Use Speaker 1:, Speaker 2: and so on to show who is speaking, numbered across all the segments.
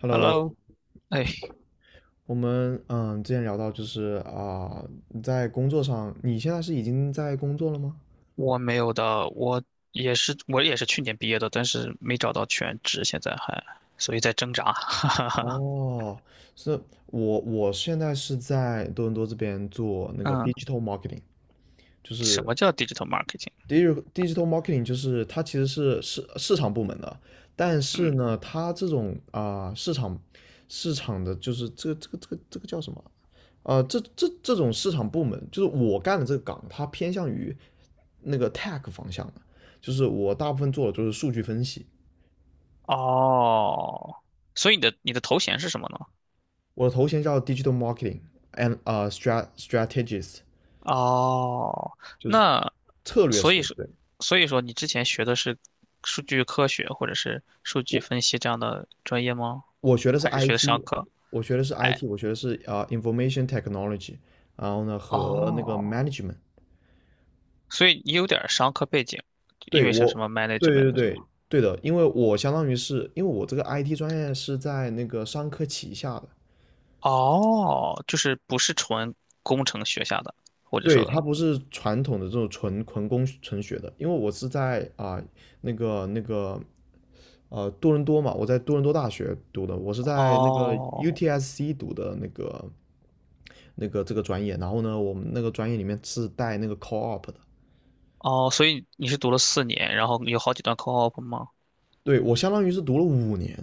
Speaker 1: Hello，
Speaker 2: Hello，哎，
Speaker 1: 我们之前聊到就是你在工作上，你现在是已经在工作了吗？
Speaker 2: 我没有的，我也是，我也是去年毕业的，但是没找到全职，现在还，所以在挣扎。哈哈哈。
Speaker 1: 哦，是。我现在是在多伦多这边做那个
Speaker 2: 嗯，
Speaker 1: digital marketing。就
Speaker 2: 什
Speaker 1: 是
Speaker 2: 么叫 digital marketing？
Speaker 1: digital marketing 就是它其实是市场部门的。但是
Speaker 2: 嗯，
Speaker 1: 呢，它这种市场的就是这个叫什么？这种市场部门，就是我干的这个岗，它偏向于那个 tech 方向的，就是我大部分做的就是数据分析。
Speaker 2: 哦，所以你的头衔是什么呢？
Speaker 1: 我的头衔叫 digital marketing and 啊、s t r a strategist，
Speaker 2: 哦，
Speaker 1: 就是
Speaker 2: 那
Speaker 1: 策略
Speaker 2: 所以
Speaker 1: 师。
Speaker 2: 说，
Speaker 1: 对，
Speaker 2: 所以说你之前学的是数据科学或者是数据分析这样的专业吗？
Speaker 1: 我学的是
Speaker 2: 还是学的商
Speaker 1: IT，
Speaker 2: 科？
Speaker 1: 我学的是
Speaker 2: 哎，
Speaker 1: IT，我学的是Information Technology，然后呢和那个
Speaker 2: 哦，
Speaker 1: Management。
Speaker 2: 所以你有点儿商科背景，因
Speaker 1: 对
Speaker 2: 为是什
Speaker 1: 我，
Speaker 2: 么
Speaker 1: 对
Speaker 2: management
Speaker 1: 对
Speaker 2: 的什么？
Speaker 1: 对对的。因为我相当于是因为我这个 IT 专业是在那个商科旗下的。
Speaker 2: 哦，就是不是纯工程学下的，或者
Speaker 1: 对，它
Speaker 2: 说，
Speaker 1: 不是传统的这种纯工纯学的，因为我是在那个那个多伦多嘛。我在多伦多大学读的，我是在那个
Speaker 2: 哦
Speaker 1: UTSC 读的这个专业。然后呢，我们那个专业里面是带那个 co-op 的。
Speaker 2: 哦，所以你是读了四年，然后有好几段 co-op 吗？
Speaker 1: 对，我相当于是读了5年。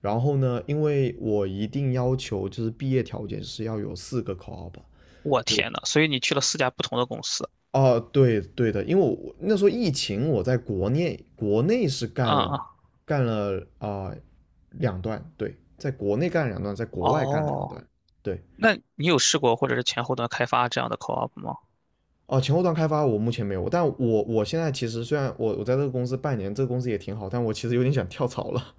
Speaker 1: 然后呢，因为我一定要求就是毕业条件是要有4个 co-op。
Speaker 2: 我
Speaker 1: 就
Speaker 2: 天呐，所以你去了四家不同的公司，
Speaker 1: 哦，对对的。因为我那时候疫情，我在国内是干了
Speaker 2: 啊、嗯、
Speaker 1: 干了两段。对，在国内干了两段，在国外干了两
Speaker 2: 哦，
Speaker 1: 段。对，
Speaker 2: 那你有试过或者是前后端开发这样的 co-op 吗？
Speaker 1: 哦。前后端开发我目前没有。但我现在其实虽然我在这个公司半年，这个公司也挺好，但我其实有点想跳槽了。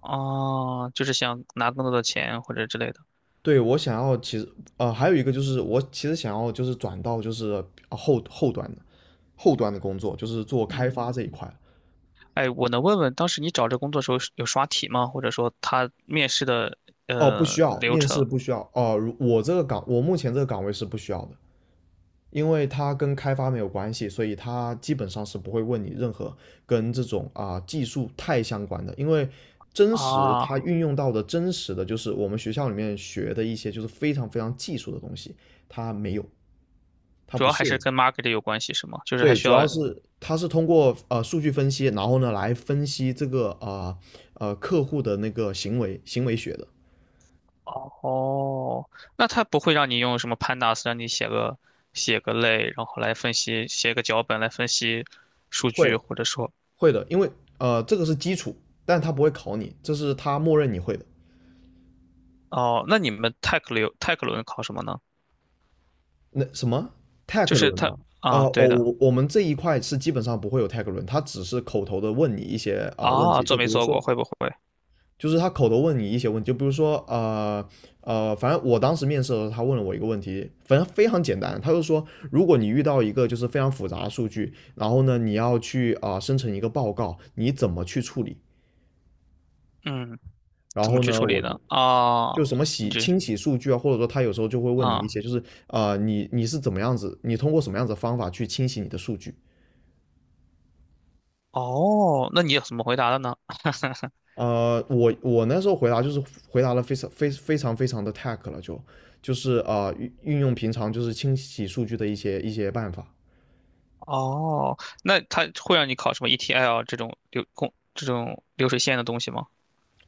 Speaker 2: 哦，就是想拿更多的钱或者之类的，
Speaker 1: 对，我想要其实还有一个就是我其实想要就是转到就是呃后后端的后端的工作，就是做开发这一
Speaker 2: 嗯，
Speaker 1: 块。
Speaker 2: 哎，我能问问当时你找这工作的时候是有刷题吗？或者说他面试的
Speaker 1: 哦，不需要
Speaker 2: 流
Speaker 1: 面试，
Speaker 2: 程
Speaker 1: 不需要。哦，如我这个岗，我目前这个岗位是不需要的。因为它跟开发没有关系，所以它基本上是不会问你任何跟这种技术太相关的。因为真实
Speaker 2: 啊？
Speaker 1: 它运用到的真实的就是我们学校里面学的一些就是非常非常技术的东西。它没有，它
Speaker 2: 主
Speaker 1: 不
Speaker 2: 要还
Speaker 1: 涉
Speaker 2: 是
Speaker 1: 及。
Speaker 2: 跟 market 有关系，是吗？就是还
Speaker 1: 对，
Speaker 2: 需
Speaker 1: 主
Speaker 2: 要，
Speaker 1: 要是它是通过数据分析，然后呢来分析这个客户的那个行为学的。
Speaker 2: 哦，那他不会让你用什么 pandas 让你写个写个类，然后来分析，写个脚本来分析数
Speaker 1: 会，
Speaker 2: 据，或者说，
Speaker 1: 会的。因为这个是基础，但它不会考你，这是它默认你会的。
Speaker 2: 哦，那你们 t e c t 流 Tech 轮考什么呢？
Speaker 1: 那什么
Speaker 2: 就
Speaker 1: tag
Speaker 2: 是
Speaker 1: 轮
Speaker 2: 他
Speaker 1: 吗？
Speaker 2: 啊，对
Speaker 1: 我
Speaker 2: 的
Speaker 1: 我我们这一块是基本上不会有 tag 轮，它只是口头的问你一些问
Speaker 2: 啊，
Speaker 1: 题。
Speaker 2: 做
Speaker 1: 就比
Speaker 2: 没
Speaker 1: 如
Speaker 2: 做过，
Speaker 1: 说
Speaker 2: 会不会？
Speaker 1: 就是他口头问你一些问题，就比如说呃呃，反正我当时面试的时候，他问了我一个问题，反正非常简单。他就说，如果你遇到一个就是非常复杂的数据，然后呢你要去生成一个报告，你怎么去处理？
Speaker 2: 嗯，
Speaker 1: 然
Speaker 2: 怎么
Speaker 1: 后
Speaker 2: 去
Speaker 1: 呢
Speaker 2: 处理
Speaker 1: 我就
Speaker 2: 呢？啊，
Speaker 1: 就什么
Speaker 2: 你这
Speaker 1: 清洗数据啊，或者说他有时候就会问你
Speaker 2: 啊，
Speaker 1: 一些就是，你是怎么样子，你通过什么样子的方法去清洗你的数据？
Speaker 2: 哦，那你怎么回答的呢？
Speaker 1: 我那时候回答就是回答了非常非常的 tech 了，就是运用平常就是清洗数据的一些办法。
Speaker 2: 哦，那他会让你考什么 ETL 这种流控这种流水线的东西吗？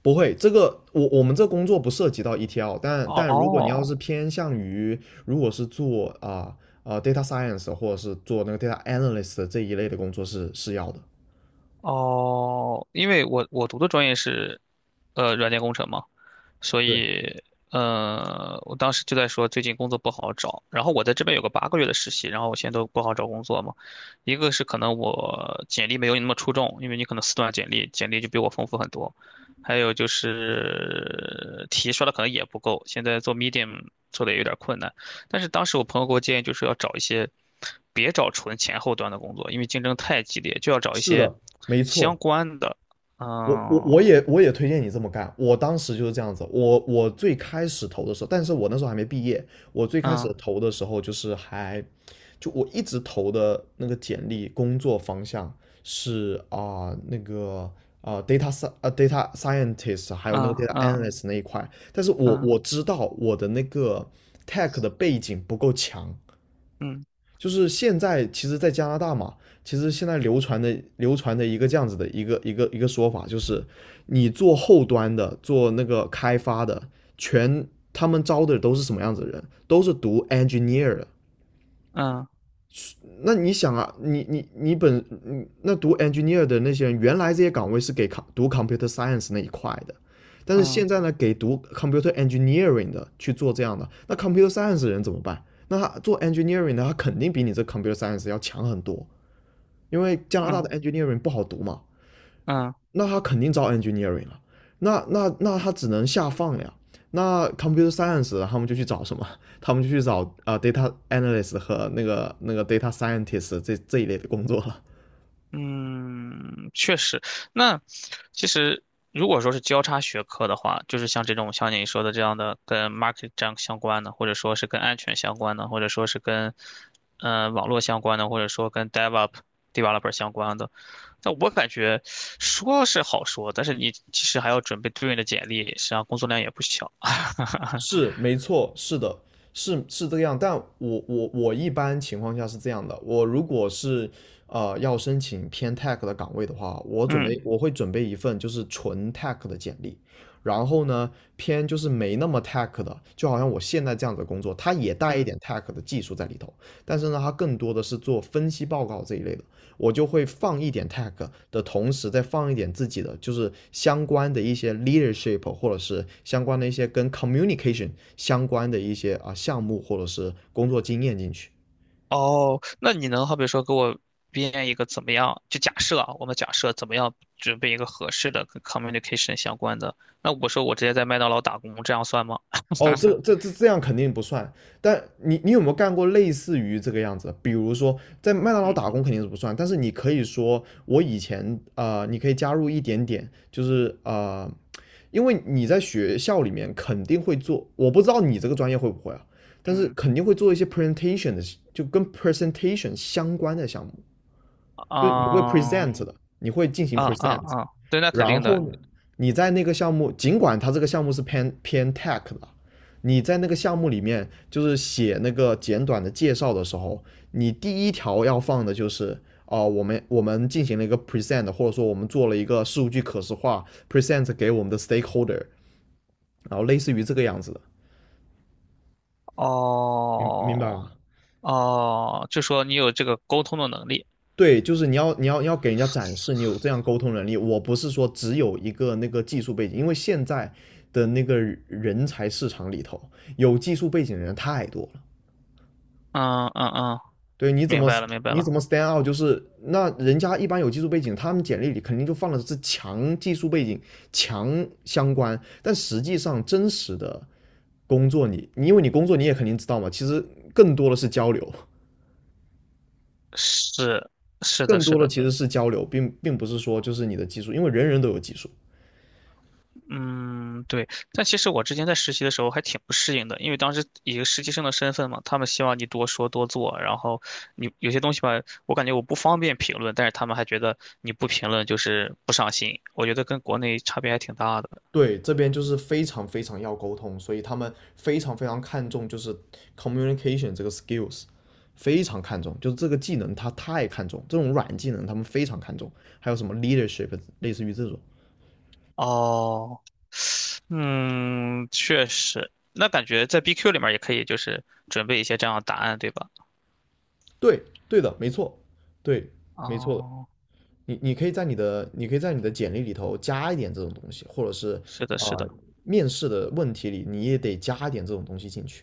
Speaker 1: 不会，这个我们这工作不涉及到 ETL，但如果你要
Speaker 2: 哦
Speaker 1: 是偏向于如果是做data science 或者是做那个 data analyst 这一类的工作是要的。
Speaker 2: 哦，因为我读的专业是，软件工程嘛，所
Speaker 1: 对，
Speaker 2: 以，我当时就在说最近工作不好找，然后我在这边有个八个月的实习，然后我现在都不好找工作嘛，一个是可能我简历没有你那么出众，因为你可能四段简历，简历就比我丰富很多，还有就是题刷的可能也不够，现在做 Medium 做的也有点困难。但是当时我朋友给我建议，就是要找一些，别找纯前后端的工作，因为竞争太激烈，就要找一
Speaker 1: 是
Speaker 2: 些
Speaker 1: 的，没
Speaker 2: 相
Speaker 1: 错。
Speaker 2: 关的。
Speaker 1: 我我
Speaker 2: 嗯
Speaker 1: 我也我也推荐你这么干。我当时就是这样子，我最开始投的时候，但是我那时候还没毕业。我最开始
Speaker 2: 嗯
Speaker 1: 投的时候就是还，就我一直投的那个简历工作方向是data scientist，还有那个
Speaker 2: 嗯
Speaker 1: data
Speaker 2: 嗯
Speaker 1: analyst 那一块，但是我知道我的那个 tech 的背景不够强。
Speaker 2: 嗯
Speaker 1: 就是现在其实，在加拿大嘛，其实现在流传的一个这样子的一个说法，就是你做后端的，做那个开发的，全他们招的都是什么样子的人？都是读 engineer 的。
Speaker 2: 嗯嗯
Speaker 1: 那你想啊，你你你本嗯那读 engineer 的那些人，原来这些岗位是给 读 computer science 那一块的，但是
Speaker 2: 嗯
Speaker 1: 现
Speaker 2: 嗯
Speaker 1: 在呢，给读 computer engineering 的去做这样的，那 computer science 的人怎么办？那他做 engineering 的，他肯定比你这 computer science 要强很多，因为加拿大的
Speaker 2: 嗯
Speaker 1: engineering 不好读嘛。
Speaker 2: 嗯
Speaker 1: 那他肯定招 engineering 了，那他只能下放了呀。那 computer science 他们就去找什么？他们就去找data analyst 和那个 data scientist 这一类的工作了。
Speaker 2: 嗯，确实。那其实如果说是交叉学科的话，就是像这种像你说的这样的跟 market 这样相关的，或者说是跟安全相关的，或者说是跟网络相关的，或者说跟 developer 相关的，但我感觉说是好说，但是你其实还要准备对应的简历，实际上工作量也不小。
Speaker 1: 是没错，是的，是这个样。但我一般情况下是这样的，我如果是要申请偏 tech 的岗位的话，
Speaker 2: 嗯
Speaker 1: 我会准备一份就是纯 tech 的简历。然后呢就是没那么 tech 的，就好像我现在这样子的工作，它也带一
Speaker 2: 嗯。
Speaker 1: 点 tech 的技术在里头，但是呢它更多的是做分析报告这一类的。我就会放一点 tag 的同时，再放一点自己的，就是相关的一些 leadership 或者是相关的一些跟 communication 相关的一些项目或者是工作经验进去。
Speaker 2: 哦，那你能好比说给我编一个怎么样？就假设啊，我们假设怎么样准备一个合适的跟 communication 相关的？那我说我直接在麦当劳打工，这样算吗？
Speaker 1: 哦，这样肯定不算。但你有没有干过类似于这个样子？比如说在麦当劳
Speaker 2: 嗯
Speaker 1: 打工肯定是不算，但是你可以说我以前，你可以加入一点点，就是，因为你在学校里面肯定会做，我不知道你这个专业会不会啊，但是
Speaker 2: 嗯
Speaker 1: 肯定会做一些 presentation 的，就跟 presentation 相关的项目。就你会
Speaker 2: 嗯
Speaker 1: present 的，你会进行
Speaker 2: 嗯嗯
Speaker 1: present。
Speaker 2: 嗯，对，那肯
Speaker 1: 然
Speaker 2: 定
Speaker 1: 后
Speaker 2: 的。
Speaker 1: 呢，你在那个项目，尽管它这个项目是偏 tech 的，你在那个项目里面就是写那个简短的介绍的时候，你第一条要放的就是我们进行了一个 present，或者说我们做了一个数据可视化 present 给我们的 stakeholder，然后类似于这个样子的。明白
Speaker 2: 哦
Speaker 1: 吗？
Speaker 2: 哦，就说你有这个沟通的能力。
Speaker 1: 对，就是你要给人家展示你有这样沟通能力。我不是说只有一个那个技术背景，因为现在的那个人才市场里头，有技术背景的人太多了。
Speaker 2: 嗯，
Speaker 1: 对，
Speaker 2: 明白了明白
Speaker 1: 你怎
Speaker 2: 了。
Speaker 1: 么 stand out？就是那人家一般有技术背景，他们简历里肯定就放的是强技术背景、强相关，但实际上真实的工作你因为你工作你也肯定知道嘛，其实更多的是交流，
Speaker 2: 是是的
Speaker 1: 更
Speaker 2: 是
Speaker 1: 多的
Speaker 2: 的。
Speaker 1: 其实是交流，并不是说就是你的技术，因为人人都有技术。
Speaker 2: 嗯，对，但其实我之前在实习的时候还挺不适应的，因为当时以一个实习生的身份嘛，他们希望你多说多做，然后你有些东西吧，我感觉我不方便评论，但是他们还觉得你不评论就是不上心，我觉得跟国内差别还挺大的。
Speaker 1: 对，这边就是非常非常要沟通，所以他们非常非常看重就是 communication 这个 skills，非常看重，就是这个技能他太看重，这种软技能他们非常看重，还有什么 leadership，类似于这种。
Speaker 2: 哦，嗯，确实，那感觉在 BQ 里面也可以，就是准备一些这样的答案，对吧？
Speaker 1: 对，对的，没错，对，没错的。
Speaker 2: 哦，
Speaker 1: 你可以在你的简历里头加一点这种东西，或者是
Speaker 2: 是
Speaker 1: 啊、
Speaker 2: 的，是的。
Speaker 1: 呃面试的问题里你也得加一点这种东西进去。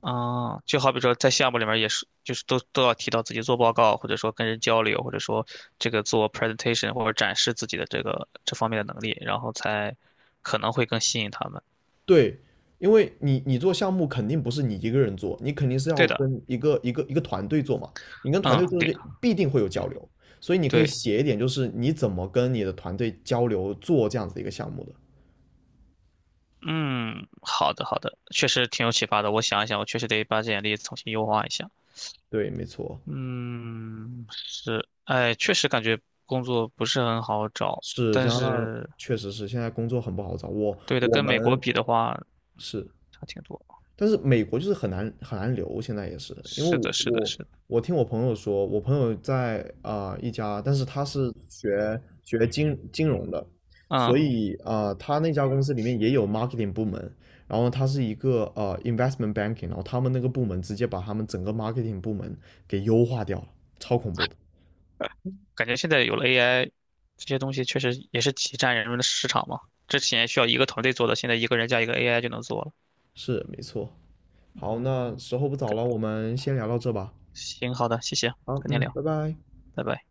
Speaker 2: 啊，就好比说在项目里面也是，就是都要提到自己做报告，或者说跟人交流，或者说这个做 presentation 或者展示自己的这个这方面的能力，然后才可能会更吸引他们。
Speaker 1: 对，因为你做项目肯定不是你一个人做，你肯定是要
Speaker 2: 对的，
Speaker 1: 跟一个团队做嘛。你跟团
Speaker 2: 嗯，
Speaker 1: 队做
Speaker 2: 对，
Speaker 1: 就必定会有交流，所以你可以
Speaker 2: 对，
Speaker 1: 写一点，就是你怎么跟你的团队交流做这样子的一个项目的。
Speaker 2: 嗯，好的，好的，确实挺有启发的。我想一想，我确实得把简历重新优化一下。
Speaker 1: 对，没错，
Speaker 2: 嗯，是，哎，确实感觉工作不是很好找，
Speaker 1: 是
Speaker 2: 但
Speaker 1: 加拿大
Speaker 2: 是
Speaker 1: 确实是现在工作很不好找。我
Speaker 2: 对的，
Speaker 1: 我
Speaker 2: 跟美国
Speaker 1: 们
Speaker 2: 比的话
Speaker 1: 是
Speaker 2: 差挺多。
Speaker 1: 但是美国就是很难很难留，现在也是，因为
Speaker 2: 是
Speaker 1: 我
Speaker 2: 的，是的，
Speaker 1: 我
Speaker 2: 是的，
Speaker 1: 我听我朋友说，我朋友在一家，但是他是学金融的，
Speaker 2: 嗯。
Speaker 1: 所以他那家公司里面也有 marketing 部门，然后他是一个investment banking，然后他们那个部门直接把他们整个 marketing 部门给优化掉了，超恐怖的，
Speaker 2: 感觉现在有了 AI,这些东西确实也是挤占人们的市场嘛。之前需要一个团队做的，现在一个人加一个 AI 就能做了。
Speaker 1: 是没错。好，那
Speaker 2: 嗯，
Speaker 1: 时候不早了，我们先聊到这吧。
Speaker 2: 行，好的，谢谢，
Speaker 1: 好，
Speaker 2: 改天
Speaker 1: 嗯，
Speaker 2: 聊，
Speaker 1: 拜拜。
Speaker 2: 拜拜。